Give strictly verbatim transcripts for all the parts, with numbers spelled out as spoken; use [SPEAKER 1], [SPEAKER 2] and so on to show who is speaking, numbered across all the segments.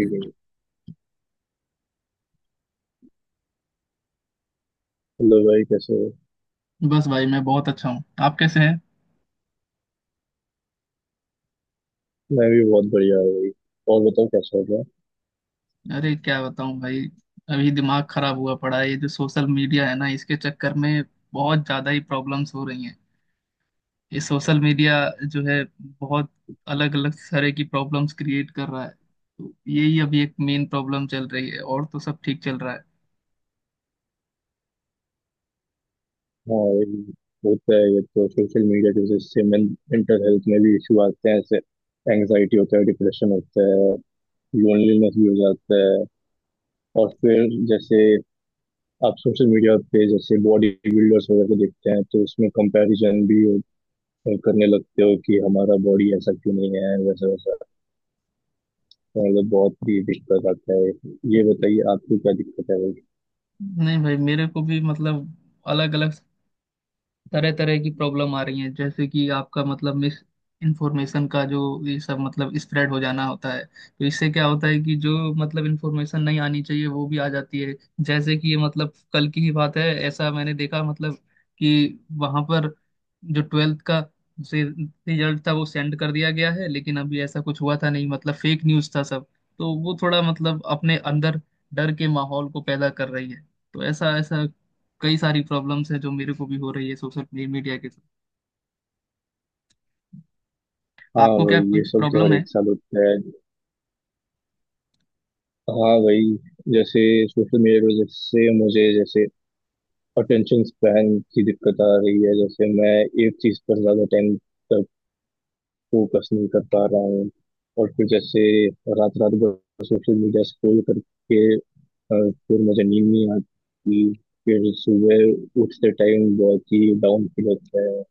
[SPEAKER 1] ठीक है। हेलो भाई कैसे हो?
[SPEAKER 2] बस भाई मैं बहुत अच्छा हूँ। आप कैसे हैं?
[SPEAKER 1] मैं भी बहुत बढ़िया हूँ भाई। और बताओ क्या चल रहा है?
[SPEAKER 2] अरे क्या बताऊँ भाई। अभी दिमाग खराब हुआ पड़ा है, ये जो सोशल मीडिया है ना, इसके चक्कर में बहुत ज्यादा ही प्रॉब्लम्स हो रही हैं। ये सोशल मीडिया जो है बहुत अलग अलग तरह की प्रॉब्लम्स क्रिएट कर रहा है, तो यही अभी एक मेन प्रॉब्लम चल रही है और तो सब ठीक चल रहा है।
[SPEAKER 1] हाँ भाई, होता है। ये तो सोशल मीडिया की वजह से मेंटल हेल्थ में भी इशू आते हैं ऐसे। एंग्जाइटी होता है, डिप्रेशन होता है, लोनलीनेस भी हो जाता है। और फिर जैसे आप सोशल मीडिया पे जैसे बॉडी बिल्डर्स वगैरह को देखते हैं तो उसमें कंपैरिजन भी हो- करने लगते हो कि हमारा बॉडी ऐसा क्यों नहीं है, वैसा वैसा। तो मतलब बहुत ही दिक्कत आता है। ये बताइए आपको क्या दिक्कत है?
[SPEAKER 2] नहीं भाई, मेरे को भी मतलब अलग अलग तरह तरह की प्रॉब्लम आ रही है। जैसे कि आपका मतलब मिस इंफॉर्मेशन का जो ये सब मतलब स्प्रेड हो जाना होता है, तो इससे क्या होता है कि जो मतलब इंफॉर्मेशन नहीं आनी चाहिए वो भी आ जाती है। जैसे कि ये मतलब कल की ही बात है, ऐसा मैंने देखा मतलब कि वहां पर जो ट्वेल्थ का से रिजल्ट था वो सेंड कर दिया गया है, लेकिन अभी ऐसा कुछ हुआ था नहीं, मतलब फेक न्यूज़ था सब। तो वो थोड़ा मतलब अपने अंदर डर के माहौल को पैदा कर रही है। तो ऐसा ऐसा कई सारी प्रॉब्लम्स हैं जो मेरे को भी हो रही है सोशल मीडिया के साथ।
[SPEAKER 1] हाँ
[SPEAKER 2] आपको क्या
[SPEAKER 1] भाई, ये
[SPEAKER 2] कुछ
[SPEAKER 1] सब तो
[SPEAKER 2] प्रॉब्लम
[SPEAKER 1] हर
[SPEAKER 2] है?
[SPEAKER 1] एक साल होता है। हाँ भाई, जैसे सोशल मीडिया की वजह से मुझे जैसे अटेंशन स्पैन की दिक्कत आ रही है। जैसे मैं एक चीज पर ज्यादा टाइम तक फोकस नहीं कर पा रहा हूँ। और फिर जैसे रात रात भर सोशल मीडिया स्क्रॉल करके अ, फिर मुझे नींद नहीं आती। फिर सुबह उठते टाइम बहुत ही डाउन फील होता है।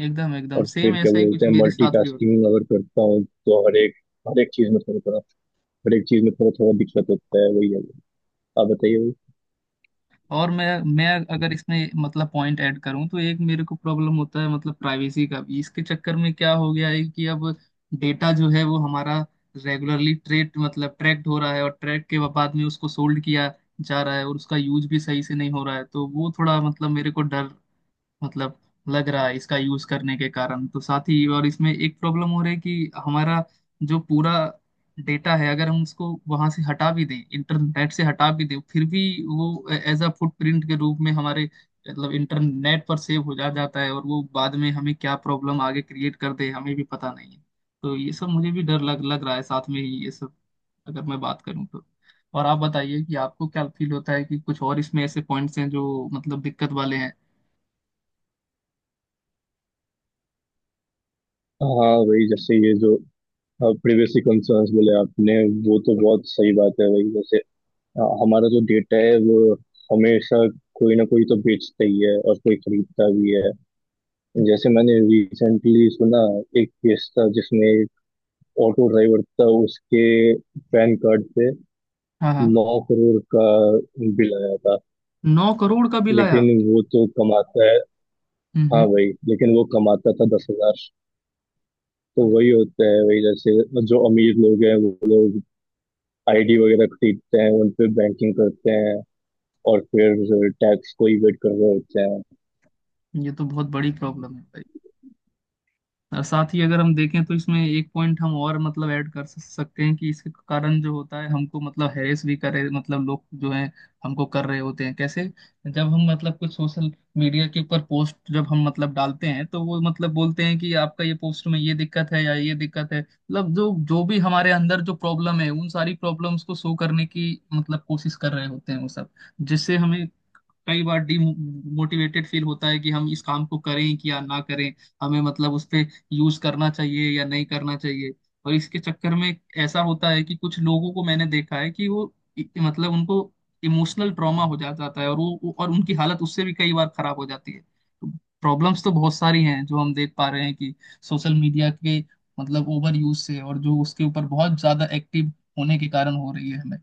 [SPEAKER 2] एकदम एकदम
[SPEAKER 1] और
[SPEAKER 2] सेम
[SPEAKER 1] फिर क्या
[SPEAKER 2] ऐसा ही कुछ
[SPEAKER 1] बोलते हैं
[SPEAKER 2] मेरे साथ भी होता है।
[SPEAKER 1] मल्टीटास्किंग अगर करता हूँ तो हर एक हर एक चीज में थोड़ा थोड़ा हर एक चीज में थोड़ा थोड़ा दिक्कत होता है, वही है। आप बताइए वही।
[SPEAKER 2] और मैं मैं अगर इसमें मतलब पॉइंट ऐड करूं तो एक मेरे को प्रॉब्लम होता है मतलब प्राइवेसी का भी। इसके चक्कर में क्या हो गया है कि अब डेटा जो है वो हमारा रेगुलरली ट्रेड मतलब ट्रैक्ड हो रहा है, और ट्रैक के बाद में उसको सोल्ड किया जा रहा है, और उसका यूज भी सही से नहीं हो रहा है। तो वो थोड़ा मतलब मेरे को डर मतलब लग रहा है इसका यूज करने के कारण। तो साथ ही और इसमें एक प्रॉब्लम हो रही है कि हमारा जो पूरा डेटा है अगर हम उसको वहां से हटा भी दें, इंटरनेट से हटा भी दें, फिर भी वो एज अ फुटप्रिंट के रूप में हमारे मतलब इंटरनेट पर सेव हो जा जाता है, और वो बाद में हमें क्या प्रॉब्लम आगे क्रिएट कर दे हमें भी पता नहीं है। तो ये सब मुझे भी डर लग लग रहा है साथ में ही ये सब। अगर मैं बात करूं तो और आप बताइए कि आपको क्या फील होता है कि कुछ और इसमें ऐसे पॉइंट्स हैं जो मतलब दिक्कत वाले हैं।
[SPEAKER 1] हाँ वही जैसे ये जो प्रिवेसी कंसर्न्स बोले आपने, वो तो बहुत सही बात है। वही जैसे अ, हमारा जो डेटा है वो हमेशा कोई ना कोई तो बेचता ही है और कोई खरीदता भी है। जैसे मैंने रिसेंटली सुना एक केस था जिसमें एक ऑटो ड्राइवर था, उसके पैन कार्ड पे
[SPEAKER 2] हाँ हाँ।
[SPEAKER 1] नौ करोड़ का बिल आया था।
[SPEAKER 2] नौ करोड़ का बिल आया?
[SPEAKER 1] लेकिन वो तो कमाता है। हाँ
[SPEAKER 2] हम्म।
[SPEAKER 1] भाई, लेकिन वो कमाता था दस हजार। तो वही होता है। वही जैसे जो अमीर लोग हैं वो लोग आईडी वगैरह खरीदते हैं, उन पे बैंकिंग करते हैं और फिर टैक्स को इवेट कर रहे होते हैं।
[SPEAKER 2] ये तो बहुत बड़ी प्रॉब्लम है भाई। और साथ ही अगर हम देखें तो इसमें एक पॉइंट हम और मतलब ऐड कर स- सकते हैं कि इसके कारण जो होता है हमको मतलब हैरेस भी करे मतलब लोग जो है हमको कर रहे होते हैं। कैसे? जब हम मतलब कुछ सोशल मीडिया के ऊपर पोस्ट जब हम मतलब डालते हैं तो वो मतलब बोलते हैं कि आपका ये पोस्ट में ये दिक्कत है या ये दिक्कत है मतलब जो जो भी हमारे अंदर जो प्रॉब्लम है उन सारी प्रॉब्लम्स को शो करने की मतलब कोशिश कर रहे होते हैं वो सब। जिससे हमें कई बार डिमोटिवेटेड फील होता है कि हम इस काम को करें कि या ना करें, हमें मतलब उस पे यूज करना चाहिए या नहीं करना चाहिए। और इसके चक्कर में ऐसा होता है कि कुछ लोगों को मैंने देखा है कि वो इ- मतलब उनको इमोशनल ट्रॉमा हो जा- जाता है और वो वो- और उनकी हालत उससे भी कई बार खराब हो जाती है। तो प्रॉब्लम्स तो बहुत सारी हैं जो हम देख पा रहे हैं कि सोशल मीडिया के मतलब ओवर यूज से और जो उसके ऊपर बहुत ज्यादा एक्टिव होने के कारण हो रही है हमें।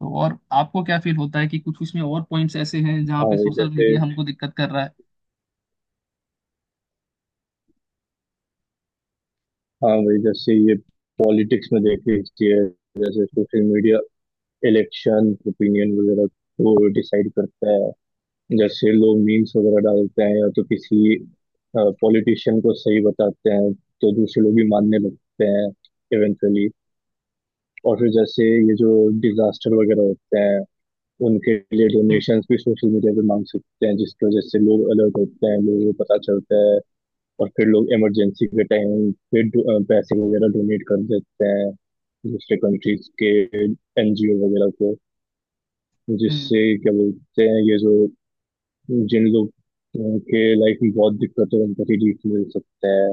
[SPEAKER 2] तो और आपको क्या फील होता है कि कुछ उसमें और पॉइंट्स ऐसे हैं जहाँ
[SPEAKER 1] हाँ
[SPEAKER 2] पे
[SPEAKER 1] वही
[SPEAKER 2] सोशल
[SPEAKER 1] जैसे
[SPEAKER 2] मीडिया हमको दिक्कत कर रहा है?
[SPEAKER 1] हाँ वही जैसे ये पॉलिटिक्स में देख लीजिए। जैसे सोशल मीडिया इलेक्शन ओपिनियन वगैरह को डिसाइड करता है। जैसे लोग मीम्स वगैरह डालते हैं या तो किसी पॉलिटिशियन को सही बताते हैं, तो दूसरे लोग भी मानने लगते हैं इवेंचुअली। और फिर जैसे ये जो डिजास्टर वगैरह होते हैं, उनके लिए डोनेशंस भी सोशल मीडिया पे मांग सकते हैं, जिसकी वजह से लोग अलर्ट होते हैं, लोगों को पता चलता है। और फिर लोग इमरजेंसी के टाइम पे डो- अ, पैसे वगैरह डोनेट कर देते हैं दूसरे कंट्रीज के एनजीओ वगैरह को।
[SPEAKER 2] हम्म।
[SPEAKER 1] जिससे क्या बोलते हैं, ये जो जिन लोग अ, के लाइफ में बहुत दिक्कत है उनको रिलीफ मिल सकता है।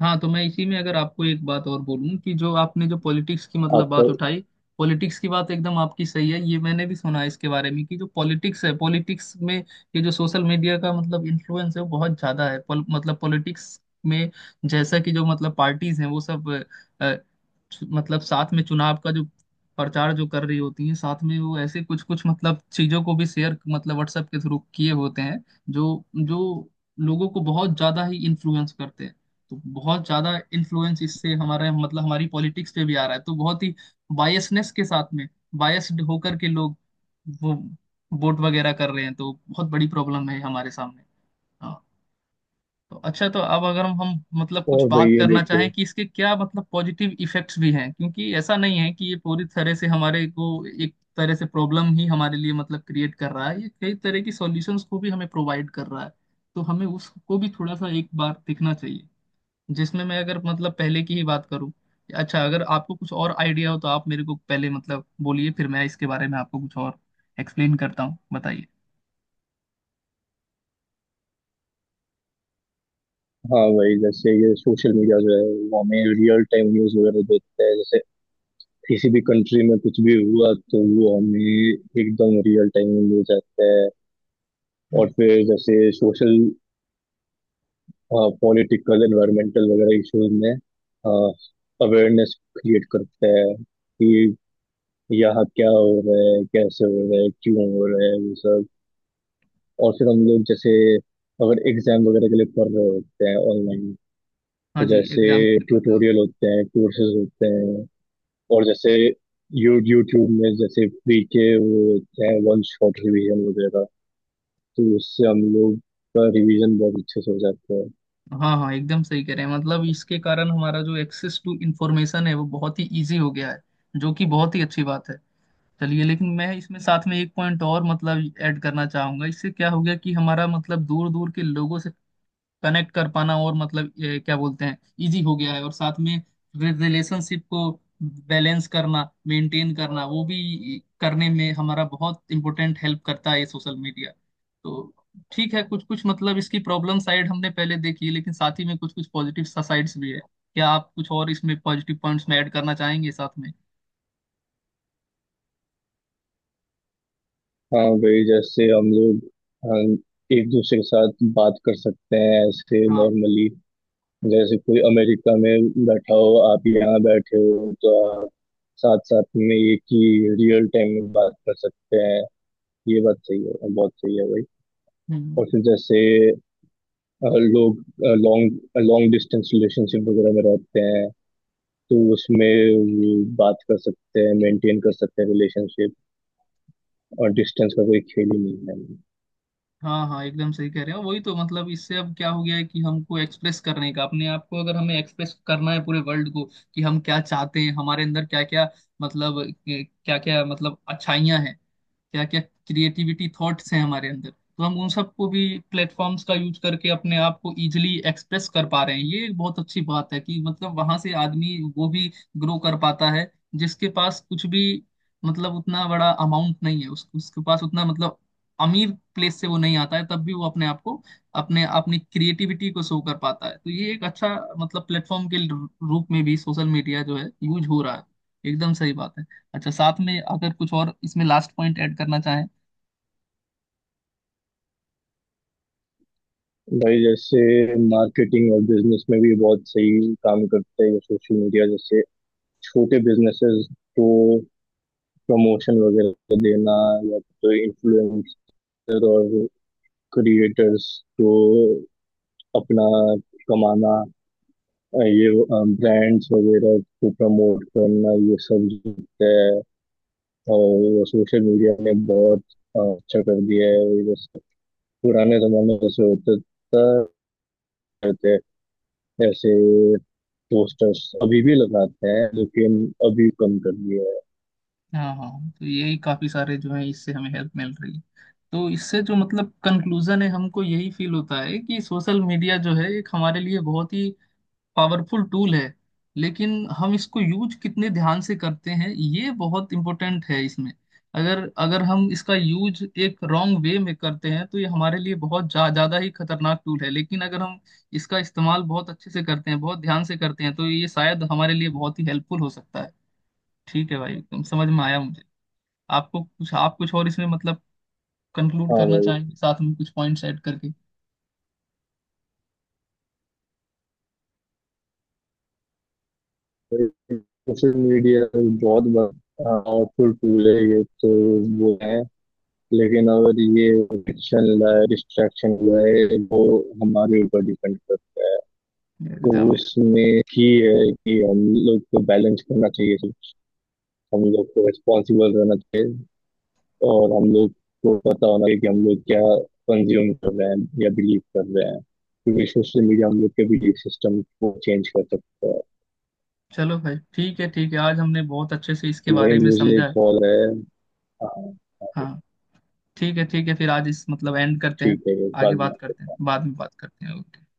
[SPEAKER 2] हाँ तो मैं इसी में अगर आपको एक बात और बोलूं कि जो आपने जो पॉलिटिक्स की मतलब
[SPEAKER 1] आपका।
[SPEAKER 2] बात उठाई, पॉलिटिक्स की बात एकदम आपकी सही है। ये मैंने भी सुना है इसके बारे में कि जो पॉलिटिक्स है पॉलिटिक्स में ये जो सोशल मीडिया का मतलब इन्फ्लुएंस है वो बहुत ज्यादा है पॉल- मतलब पॉलिटिक्स में। जैसा कि जो मतलब पार्टीज हैं वो सब अ, अ, चु- मतलब साथ में चुनाव का जो प्रचार जो कर रही होती हैं साथ में, वो ऐसे कुछ कुछ मतलब चीजों को भी शेयर मतलब व्हाट्सएप के थ्रू किए होते हैं जो जो लोगों को बहुत ज्यादा ही इन्फ्लुएंस करते हैं। तो बहुत ज्यादा इन्फ्लुएंस इससे हमारे मतलब हमारी पॉलिटिक्स पे भी आ रहा है। तो बहुत ही बायसनेस के साथ में बायस्ड होकर के लोग वो वोट वगैरह कर रहे हैं, तो बहुत बड़ी प्रॉब्लम है हमारे सामने। हाँ। तो अच्छा तो अब अगर हम हम मतलब कुछ
[SPEAKER 1] और भाई
[SPEAKER 2] बात
[SPEAKER 1] ये
[SPEAKER 2] करना
[SPEAKER 1] देखिए।
[SPEAKER 2] चाहें कि इसके क्या मतलब पॉजिटिव इफेक्ट्स भी हैं, क्योंकि ऐसा नहीं है कि ये पूरी तरह से हमारे को एक तरह से प्रॉब्लम ही हमारे लिए मतलब क्रिएट कर रहा है, ये कई तरह की सॉल्यूशंस को भी हमें प्रोवाइड कर रहा है। तो हमें उसको भी थोड़ा सा एक बार देखना चाहिए, जिसमें मैं अगर मतलब पहले की ही बात करूं। अच्छा अगर आपको कुछ और आइडिया हो तो आप मेरे को पहले मतलब बोलिए, फिर मैं इसके बारे में आपको कुछ और एक्सप्लेन करता हूँ, बताइए।
[SPEAKER 1] हाँ भाई, जैसे ये सोशल मीडिया जो है वो हमें रियल टाइम न्यूज़ वगैरह देता है। जैसे किसी भी कंट्री में कुछ भी हुआ तो वो हमें एकदम रियल टाइम में मिल जाता है। और
[SPEAKER 2] हम्म।
[SPEAKER 1] फिर जैसे सोशल पॉलिटिकल एनवायरमेंटल वगैरह इश्यूज में अवेयरनेस क्रिएट करता है कि यहाँ क्या हो रहा है, कैसे हो रहा है, क्यों हो रहा है, वो सब। और फिर हम लोग जैसे अगर एग्जाम वगैरह के लिए पढ़ रहे होते हैं ऑनलाइन,
[SPEAKER 2] हाँ
[SPEAKER 1] तो
[SPEAKER 2] जी,
[SPEAKER 1] जैसे
[SPEAKER 2] एग्जाम के लिए पढ़ रहे होते
[SPEAKER 1] ट्यूटोरियल
[SPEAKER 2] हैं।
[SPEAKER 1] होते हैं, कोर्सेज होते हैं। और जैसे यू यूट्यूब में जैसे फ्री के, वो क्या है, वन शॉट रिवीजन वगैरह, तो उससे हम लोग का रिवीजन बहुत अच्छे से हो जाता है।
[SPEAKER 2] हाँ हाँ एकदम सही कह रहे हैं, मतलब इसके कारण हमारा जो एक्सेस टू इंफॉर्मेशन है वो बहुत ही इजी हो गया है, जो कि बहुत ही अच्छी बात है। चलिए लेकिन मैं इसमें साथ में एक पॉइंट और मतलब ऐड करना चाहूंगा, इससे क्या हो गया कि हमारा मतलब दूर दूर के लोगों से कनेक्ट कर पाना और मतलब ये क्या बोलते हैं, इजी हो गया है, और साथ में रिलेशनशिप को बैलेंस करना मेंटेन करना वो भी करने में हमारा बहुत इंपॉर्टेंट हेल्प करता है ये सोशल मीडिया। तो ठीक है कुछ कुछ मतलब इसकी प्रॉब्लम साइड हमने पहले देखी है, लेकिन साथ ही में कुछ कुछ पॉजिटिव साइड्स भी है। क्या आप कुछ और इसमें पॉजिटिव पॉइंट्स में ऐड करना चाहेंगे साथ में?
[SPEAKER 1] हाँ वही जैसे हम लोग, हाँ, एक दूसरे के साथ बात कर सकते हैं ऐसे
[SPEAKER 2] हाँ।
[SPEAKER 1] नॉर्मली। जैसे कोई अमेरिका में बैठा हो, आप यहाँ बैठे हो, तो आप साथ साथ में एक ही रियल टाइम में बात कर सकते हैं। ये बात सही है, बहुत सही है भाई।
[SPEAKER 2] हम्म।
[SPEAKER 1] और फिर जैसे अ, लोग लॉन्ग लॉन्ग डिस्टेंस रिलेशनशिप वगैरह में रहते हैं, तो उसमें वो बात कर सकते हैं, मेंटेन कर सकते हैं रिलेशनशिप, और डिस्टेंस का कोई खेल ही नहीं है।
[SPEAKER 2] हाँ हाँ एकदम सही कह रहे हो, वही तो मतलब इससे अब क्या हो गया है कि हमको एक्सप्रेस करने का अपने आप को अगर हमें एक्सप्रेस करना है पूरे वर्ल्ड को कि हम क्या चाहते हैं, हमारे अंदर क्या क्या मतलब क्या क्या मतलब अच्छाइयाँ हैं, क्या क्या क्रिएटिविटी थॉट्स हैं हमारे अंदर, तो हम उन सबको भी प्लेटफॉर्म्स का यूज करके अपने आप को इजिली एक्सप्रेस कर पा रहे हैं। ये एक बहुत अच्छी बात है कि मतलब वहां से आदमी वो भी ग्रो कर पाता है जिसके पास कुछ भी मतलब उतना बड़ा अमाउंट नहीं है, उस, उसके पास उतना मतलब अमीर प्लेस से वो नहीं आता है, तब भी वो अपने आप को अपने अपनी क्रिएटिविटी को शो कर पाता है। तो ये एक अच्छा मतलब प्लेटफॉर्म के रूप में भी सोशल मीडिया जो है यूज हो रहा है। एकदम सही बात है। अच्छा साथ में अगर कुछ और इसमें लास्ट पॉइंट ऐड करना चाहें?
[SPEAKER 1] भाई, जैसे मार्केटिंग और बिजनेस में भी बहुत सही काम करते हैं सोशल मीडिया, जैसे छोटे बिजनेसेस को प्रमोशन वगैरह देना, या तो इन्फ्लुएंसर और क्रिएटर्स को अपना कमाना, हाँ, ये ब्रांड्स वगैरह को प्रमोट करना, ये सब जितना है। और सोशल मीडिया ने बहुत अ, अच्छा कर दिया है। जैसे पुराने जमाने में ऐसे होता था, रहते ऐसे पोस्टर्स अभी भी लगाते हैं, लेकिन अभी कम कर दिया है।
[SPEAKER 2] हाँ हाँ। तो यही काफी सारे जो है इससे हमें हेल्प मिल रही है। तो इससे जो मतलब कंक्लूजन है हमको यही फील होता है कि सोशल मीडिया जो है एक हमारे लिए बहुत ही पावरफुल टूल है, लेकिन हम इसको यूज कितने ध्यान से करते हैं ये बहुत इंपॉर्टेंट है इसमें। अगर अगर हम इसका यूज एक रॉन्ग वे में करते हैं तो ये हमारे लिए बहुत जा, ज्यादा ही खतरनाक टूल है, लेकिन अगर हम इसका इस्तेमाल बहुत अच्छे से करते हैं बहुत ध्यान से करते हैं तो ये शायद हमारे लिए बहुत ही हेल्पफुल हो सकता है। ठीक है भाई एकदम समझ में आया मुझे। आपको कुछ आप कुछ और इसमें मतलब कंक्लूड
[SPEAKER 1] हाँ
[SPEAKER 2] करना
[SPEAKER 1] भाई,
[SPEAKER 2] चाहेंगे साथ में कुछ पॉइंट्स ऐड करके?
[SPEAKER 1] सोशल मीडिया बहुत पावरफुल टूल है ये तो, वो है। लेकिन अगर ये एडिक्शन लाए, डिस्ट्रैक्शन लाए, वो हमारे ऊपर डिपेंड करता है। तो
[SPEAKER 2] एकदम।
[SPEAKER 1] उसमें ही है कि हम लोग को बैलेंस करना चाहिए सब, हम लोग को रिस्पॉन्सिबल रहना चाहिए, और हम लोग को पता होना चाहिए कि हम लोग क्या कंज्यूम कर रहे हैं या बिलीव कर रहे हैं, क्योंकि सोशल मीडिया हम लोग के बिलीव सिस्टम को चेंज कर सकता है।
[SPEAKER 2] चलो भाई ठीक है ठीक है आज हमने बहुत अच्छे से इसके
[SPEAKER 1] वही
[SPEAKER 2] बारे में
[SPEAKER 1] मुझे
[SPEAKER 2] समझा है।
[SPEAKER 1] कॉल है। हाँ, हाँ,
[SPEAKER 2] हाँ। ठीक है ठीक है फिर आज इस मतलब एंड करते हैं।
[SPEAKER 1] ठीक है, वो
[SPEAKER 2] आगे
[SPEAKER 1] बाद में
[SPEAKER 2] बात
[SPEAKER 1] बात
[SPEAKER 2] करते हैं
[SPEAKER 1] करता हूँ।
[SPEAKER 2] बाद में बात करते हैं, ओके।